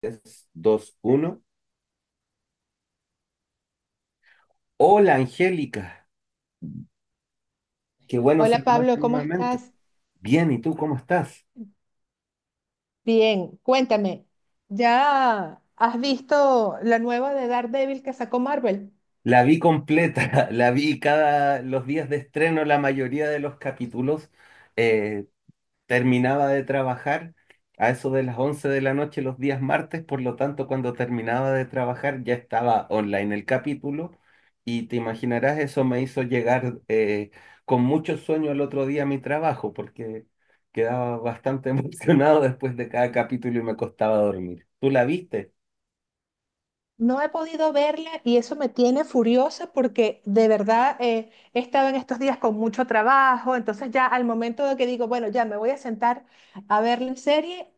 3, 2, 1. Hola, Angélica. Qué bueno Hola Pablo, saludarte ¿cómo nuevamente. estás? Bien, ¿y tú cómo estás? Bien, cuéntame, ¿ya has visto la nueva de Daredevil que sacó Marvel? La vi completa, la vi cada los días de estreno, la mayoría de los capítulos. Eh, Terminaba de trabajar a eso de las 11 de la noche los días martes, por lo tanto, cuando terminaba de trabajar ya estaba online el capítulo y te imaginarás, eso me hizo llegar con mucho sueño el otro día a mi trabajo porque quedaba bastante emocionado después de cada capítulo y me costaba dormir. ¿Tú la viste? No he podido verla y eso me tiene furiosa porque de verdad he estado en estos días con mucho trabajo, entonces ya al momento de que digo, bueno, ya me voy a sentar a ver la serie,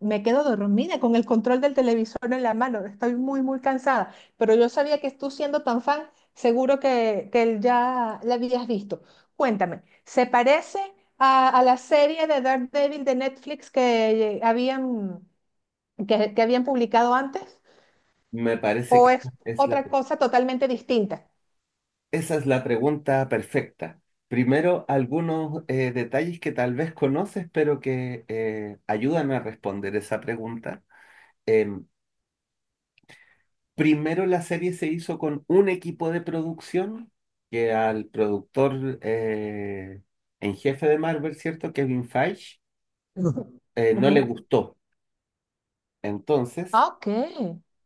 me quedo dormida con el control del televisor en la mano, estoy muy, muy cansada, pero yo sabía que tú siendo tan fan, seguro que ya la habías visto. Cuéntame, ¿se parece a la serie de Daredevil de Netflix que, habían, que habían publicado antes? Me parece que ¿O es es la... otra cosa totalmente distinta? esa es la pregunta perfecta. Primero, algunos detalles que tal vez conoces, pero que ayudan a responder esa pregunta. Em, Primero, la serie se hizo con un equipo de producción que al productor en jefe de Marvel, ¿cierto? Kevin Feige, Ujú. No Ujú. le gustó. Entonces, Ok.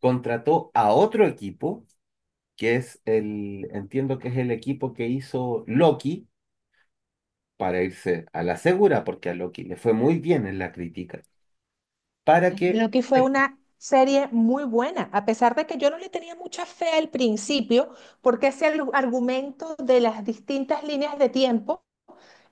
contrató a otro equipo, entiendo que es el equipo que hizo Loki para irse a la segura, porque a Loki le fue muy bien en la crítica, para Sí. que... Creo fue eh, una serie muy buena, a pesar de que yo no le tenía mucha fe al principio, porque ese argumento de las distintas líneas de tiempo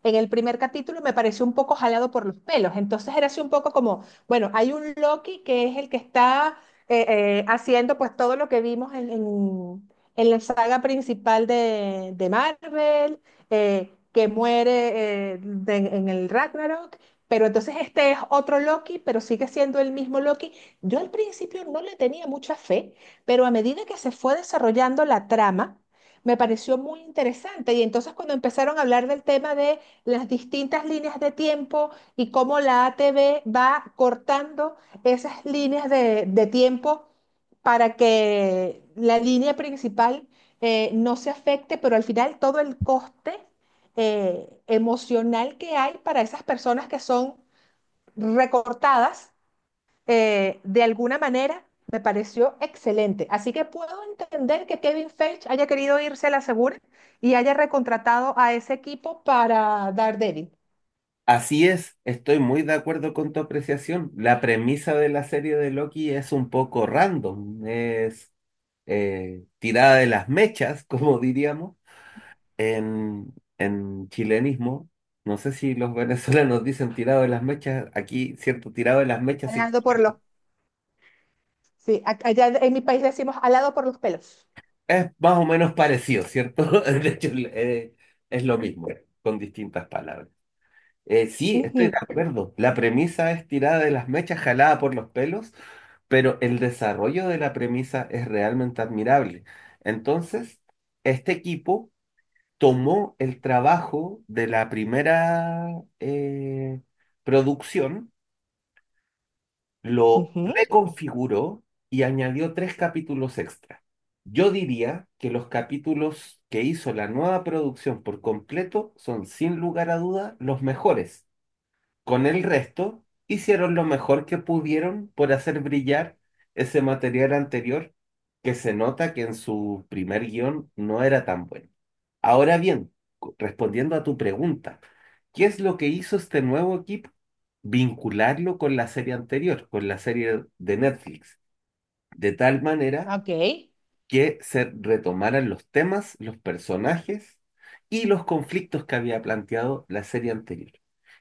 en el primer capítulo me pareció un poco jalado por los pelos. Entonces era así un poco como, bueno, hay un Loki que es el que está eh, haciendo pues todo lo que vimos en la saga principal de Marvel, que muere en el Ragnarok. Pero entonces este es otro Loki, pero sigue siendo el mismo Loki. Yo al principio no le tenía mucha fe, pero a medida que se fue desarrollando la trama, me pareció muy interesante. Y entonces cuando empezaron a hablar del tema de las distintas líneas de tiempo y cómo la ATV va cortando esas líneas de tiempo para que la línea principal no se afecte, pero al final todo el coste emocional que hay para esas personas que son recortadas de alguna manera, me pareció excelente. Así que puedo entender que Kevin Feige haya querido irse a la segura y haya recontratado a ese equipo para Daredevil. Así es, estoy muy de acuerdo con tu apreciación. La premisa de la serie de Loki es un poco random, es tirada de las mechas, como diríamos, en, en chilenismo. No sé si los venezolanos dicen tirado de las mechas, aquí, ¿cierto? Tirado de las mechas sí, Alado por los, sí, allá en mi país decimos alado por los pelos. es más o menos parecido, ¿cierto? De hecho, es lo mismo, con distintas palabras. Sí, estoy de Ujú, acuerdo. La premisa es tirada de las mechas, jalada por los pelos, pero el desarrollo de la premisa es realmente admirable. Entonces, este equipo tomó el trabajo de la primera eh, producción, lo ujú, reconfiguró y añadió tres capítulos extra. Yo diría que los capítulos que hizo la nueva producción por completo son sin lugar a duda los mejores con el resto, hicieron lo mejor que pudieron por hacer brillar ese material anterior, que se nota que en su primer guión no era tan bueno. Ahora bien, respondiendo a tu pregunta, ¿qué es lo que hizo este nuevo equipo? Vincularlo con la serie anterior, con la serie de Netflix, de tal manera ok. que se retomaran los temas, los personajes y los conflictos que había planteado la serie anterior.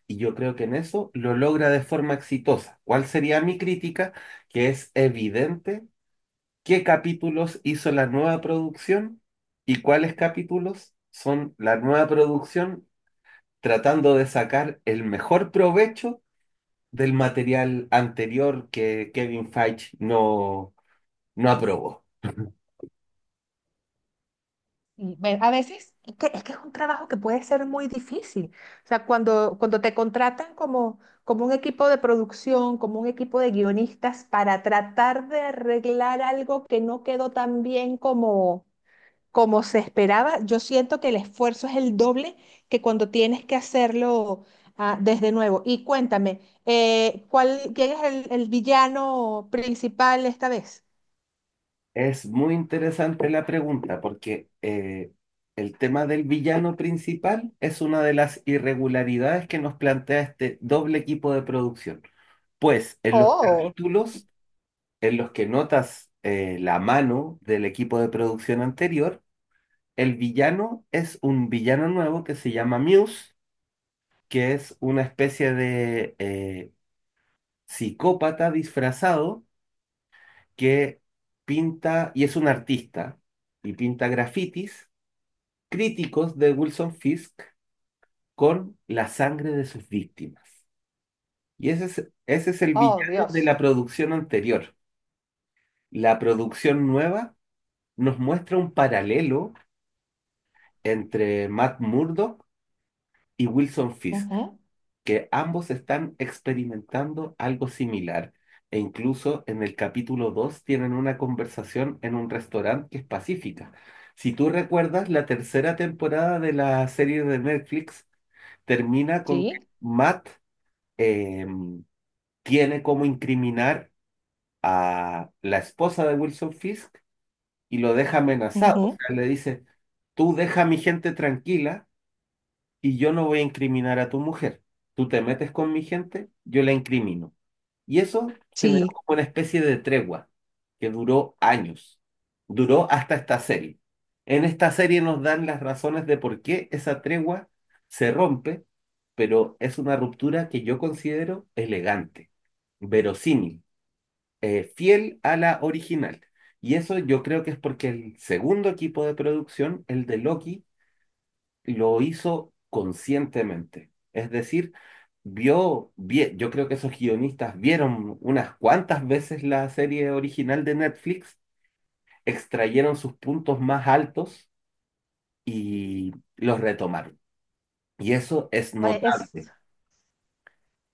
Y yo creo que en eso lo logra de forma exitosa. ¿Cuál sería mi crítica? Que es evidente qué capítulos hizo la nueva producción y cuáles capítulos son la nueva producción tratando de sacar el mejor provecho del material anterior que Kevin Feige no aprobó. A veces es que es un trabajo que puede ser muy difícil. O sea, cuando te contratan como, como un equipo de producción, como un equipo de guionistas para tratar de arreglar algo que no quedó tan bien como, como se esperaba, yo siento que el esfuerzo es el doble que cuando tienes que hacerlo desde nuevo. Y cuéntame, ¿cuál, quién es el villano principal esta vez? Es muy interesante la pregunta porque el tema del villano principal es una de las irregularidades que nos plantea este doble equipo de producción. Pues en los Oh, capítulos en los que notas la mano del equipo de producción anterior, el villano es un villano nuevo que se llama Muse, que es una especie de psicópata disfrazado que pinta y es un artista y pinta grafitis críticos de Wilson Fisk con la sangre de sus víctimas. Y ese es el oh, villano de la Dios. producción anterior. La producción nueva nos muestra un paralelo entre Matt Murdock y Wilson Fisk, Ujú. que ambos están experimentando algo similar. E incluso en el capítulo 2 tienen una conversación en un restaurante que es pacífica. Si tú recuerdas, la tercera temporada de la serie de Netflix termina con que Sí. Matt eh, tiene como incriminar a la esposa de Wilson Fisk y lo deja amenazado. O sea, le dice, tú deja a mi gente tranquila y yo no voy a incriminar a tu mujer. Tú te metes con mi gente, yo la incrimino. Y eso generó Sí, como una especie de tregua que duró años, duró hasta esta serie. En esta serie nos dan las razones de por qué esa tregua se rompe, pero es una ruptura que yo considero elegante, verosímil, fiel a la original. Y eso yo creo que es porque el segundo equipo de producción, el de Loki, lo hizo conscientemente. Es decir, yo creo que esos guionistas vieron unas cuantas veces la serie original de Netflix, extrayeron sus puntos más altos y los retomaron. Y eso es oye, es, notable.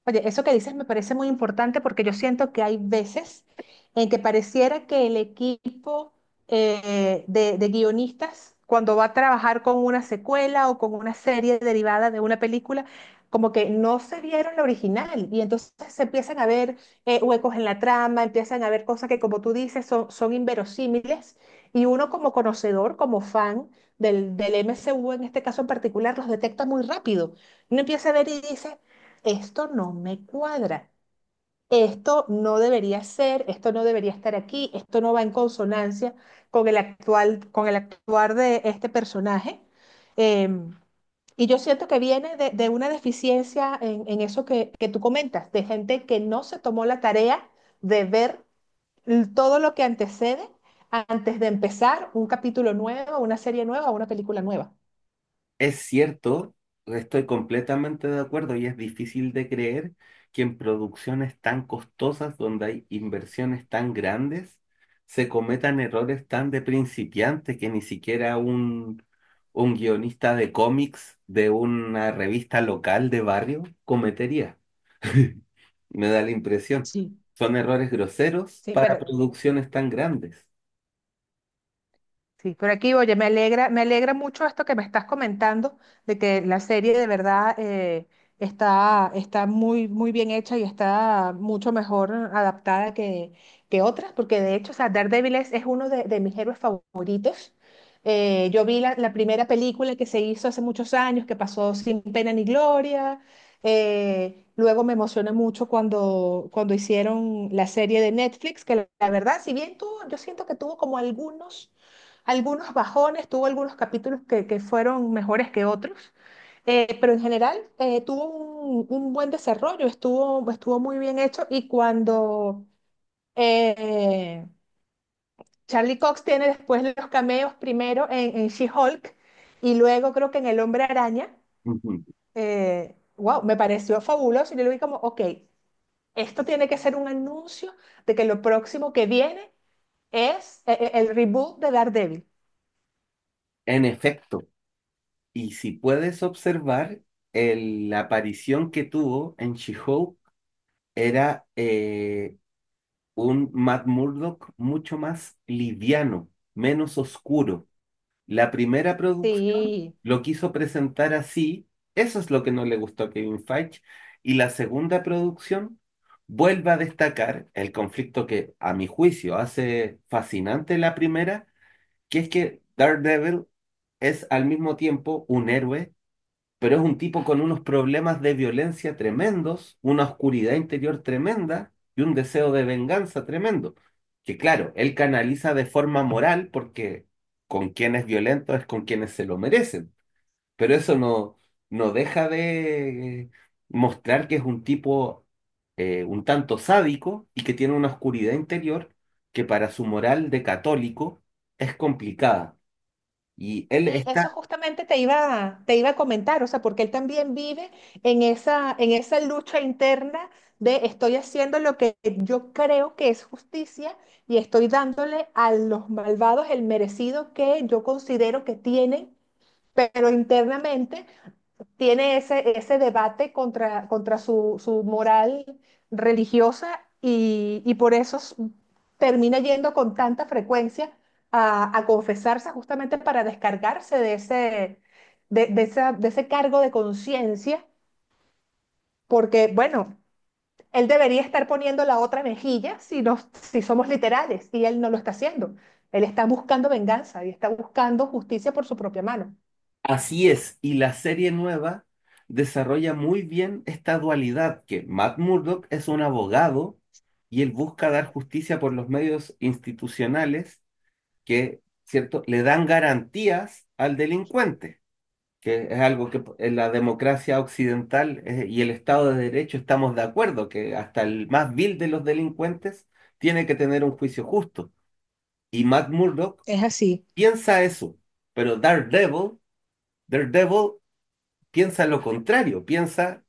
oye, eso que dices me parece muy importante porque yo siento que hay veces en que pareciera que el equipo de guionistas, cuando va a trabajar con una secuela o con una serie derivada de una película, como que no se vieron la original y entonces se empiezan a ver huecos en la trama, empiezan a ver cosas que, como tú dices, son, son inverosímiles y uno como conocedor, como fan del M C U en este caso en particular, los detecta muy rápido. Uno empieza a ver y dice esto no me cuadra, esto no debería ser, esto no debería estar aquí, esto no va en consonancia con el actual, con el actuar de este personaje. Em, y yo siento que viene de una deficiencia en eso que tú comentas, de gente que no se tomó la tarea de ver todo lo que antecede antes de empezar un capítulo nuevo, una serie nueva, una película nueva. Es cierto, estoy completamente de acuerdo y es difícil de creer que en producciones tan costosas, donde hay inversiones tan grandes, se cometan errores tan de principiante que ni siquiera un guionista de cómics de una revista local de barrio cometería. Me da la impresión. Sí. Son errores groseros Sí, para pero producciones tan grandes. sí, pero aquí, oye, me alegra mucho esto que me estás comentando, de que la serie de verdad está, está muy, muy bien hecha y está mucho mejor adaptada que otras, porque de hecho, o sea, Daredevil es uno de mis héroes favoritos. Yo vi la primera película que se hizo hace muchos años, que pasó sin pena ni gloria. Luego me emocioné mucho cuando hicieron la serie de Netflix, que la verdad, si bien tuvo, yo siento que tuvo como algunos algunos bajones, tuvo algunos capítulos que fueron mejores que otros, pero en general tuvo un buen desarrollo, estuvo, estuvo muy bien hecho y cuando eh, Charlie Cox tiene después los cameos primero en She-Hulk y luego creo que en El Hombre Araña, Ujú. Wow, me pareció fabuloso y yo lo vi como, ok, esto tiene que ser un anuncio de que lo próximo que viene es el reboot de Daredevil. En efecto. Y si puedes observar, la aparición que tuvo en She-Hulk era un Matt Murdock mucho más liviano, menos oscuro. La primera producción Sí. lo quiso presentar así, eso es lo que no le gustó a Kevin Feige, y la segunda producción vuelve a destacar el conflicto que, a mi juicio, hace fascinante la primera, que es que Daredevil es al mismo tiempo un héroe pero es un tipo con unos problemas de violencia tremendos, una oscuridad interior tremenda y un deseo de venganza tremendo, que claro, él canaliza de forma moral porque con quien es violento es con quienes se lo merecen, pero eso no deja de mostrar que es un tipo un tanto sádico y que tiene una oscuridad interior que para su moral de católico es complicada. Y él Sí, eso está. justamente te iba a comentar, o sea, porque él también vive en esa lucha interna de estoy haciendo lo que yo creo que es justicia y estoy dándole a los malvados el merecido que yo considero que tienen, pero internamente tiene ese, ese debate contra su moral religiosa y por eso termina yendo con tanta frecuencia a confesarse justamente para descargarse de ese, de de ese cargo de conciencia, porque bueno, él debería estar poniendo la otra mejilla si, nos, si somos literales y él no lo está haciendo. Él está buscando venganza y está buscando justicia por su propia mano. Así es, y la serie nueva desarrolla muy bien esta dualidad que Matt Murdock es un abogado y él busca dar justicia por los medios institucionales que, ¿cierto?, le dan garantías al delincuente, que es algo que en la democracia occidental y el Estado de Derecho estamos de acuerdo, que hasta el más vil de los delincuentes tiene que tener un juicio justo. Y Matt Murdock Es así, piensa eso, pero Daredevil... Daredevil piensa lo contrario, piensa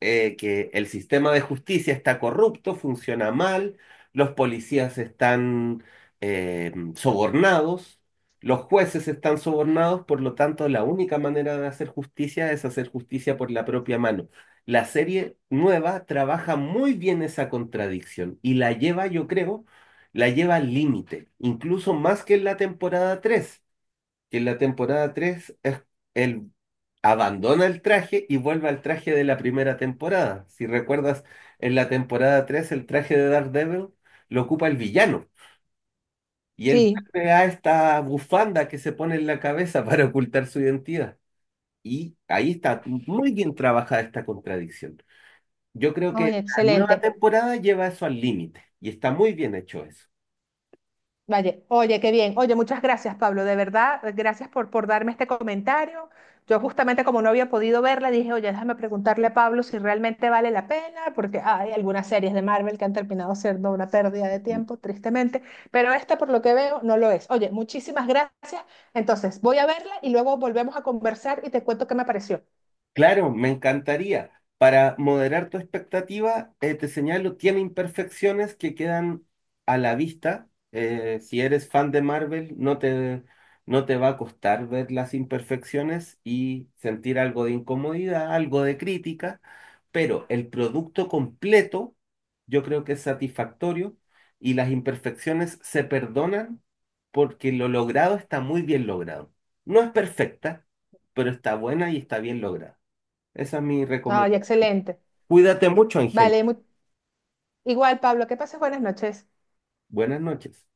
que el sistema de justicia está corrupto, funciona mal, los policías están sobornados, los jueces están sobornados, por lo tanto la única manera de hacer justicia es hacer justicia por la propia mano. La serie nueva trabaja muy bien esa contradicción y la lleva, yo creo, la lleva al límite, incluso más que en la temporada 3 que en la temporada 3 es, él abandona el traje y vuelve al traje de la primera temporada. Si recuerdas, en la temporada 3 el traje de Daredevil lo ocupa el villano y él sí. vuelve a esta bufanda que se pone en la cabeza para ocultar su identidad. Y ahí está muy bien trabajada esta contradicción. Yo creo que Ay, la nueva excelente. temporada lleva eso al límite y está muy bien hecho eso. Vaya, oye, qué bien. Oye, muchas gracias, Pablo. De verdad, gracias por darme este comentario. Yo justamente como no había podido verla, dije, oye, déjame preguntarle a Pablo si realmente vale la pena, porque hay algunas series de Marvel que han terminado siendo una pérdida de tiempo, tristemente, pero esta por lo que veo no lo es. Oye, muchísimas gracias. Entonces, voy a verla y luego volvemos a conversar y te cuento qué me pareció. Claro, me encantaría. Para moderar tu expectativa, te señalo, tiene imperfecciones que quedan a la vista. Si eres fan de Marvel, no te va a costar ver las imperfecciones y sentir algo de incomodidad, algo de crítica, pero el producto completo yo creo que es satisfactorio y las imperfecciones se perdonan porque lo logrado está muy bien logrado. No es perfecta, pero está buena y está bien lograda. Esa es mi Ay, recomendación. excelente. Cuídate mucho, Angélica. Vale, igual, Pablo, que pases buenas noches. Buenas noches.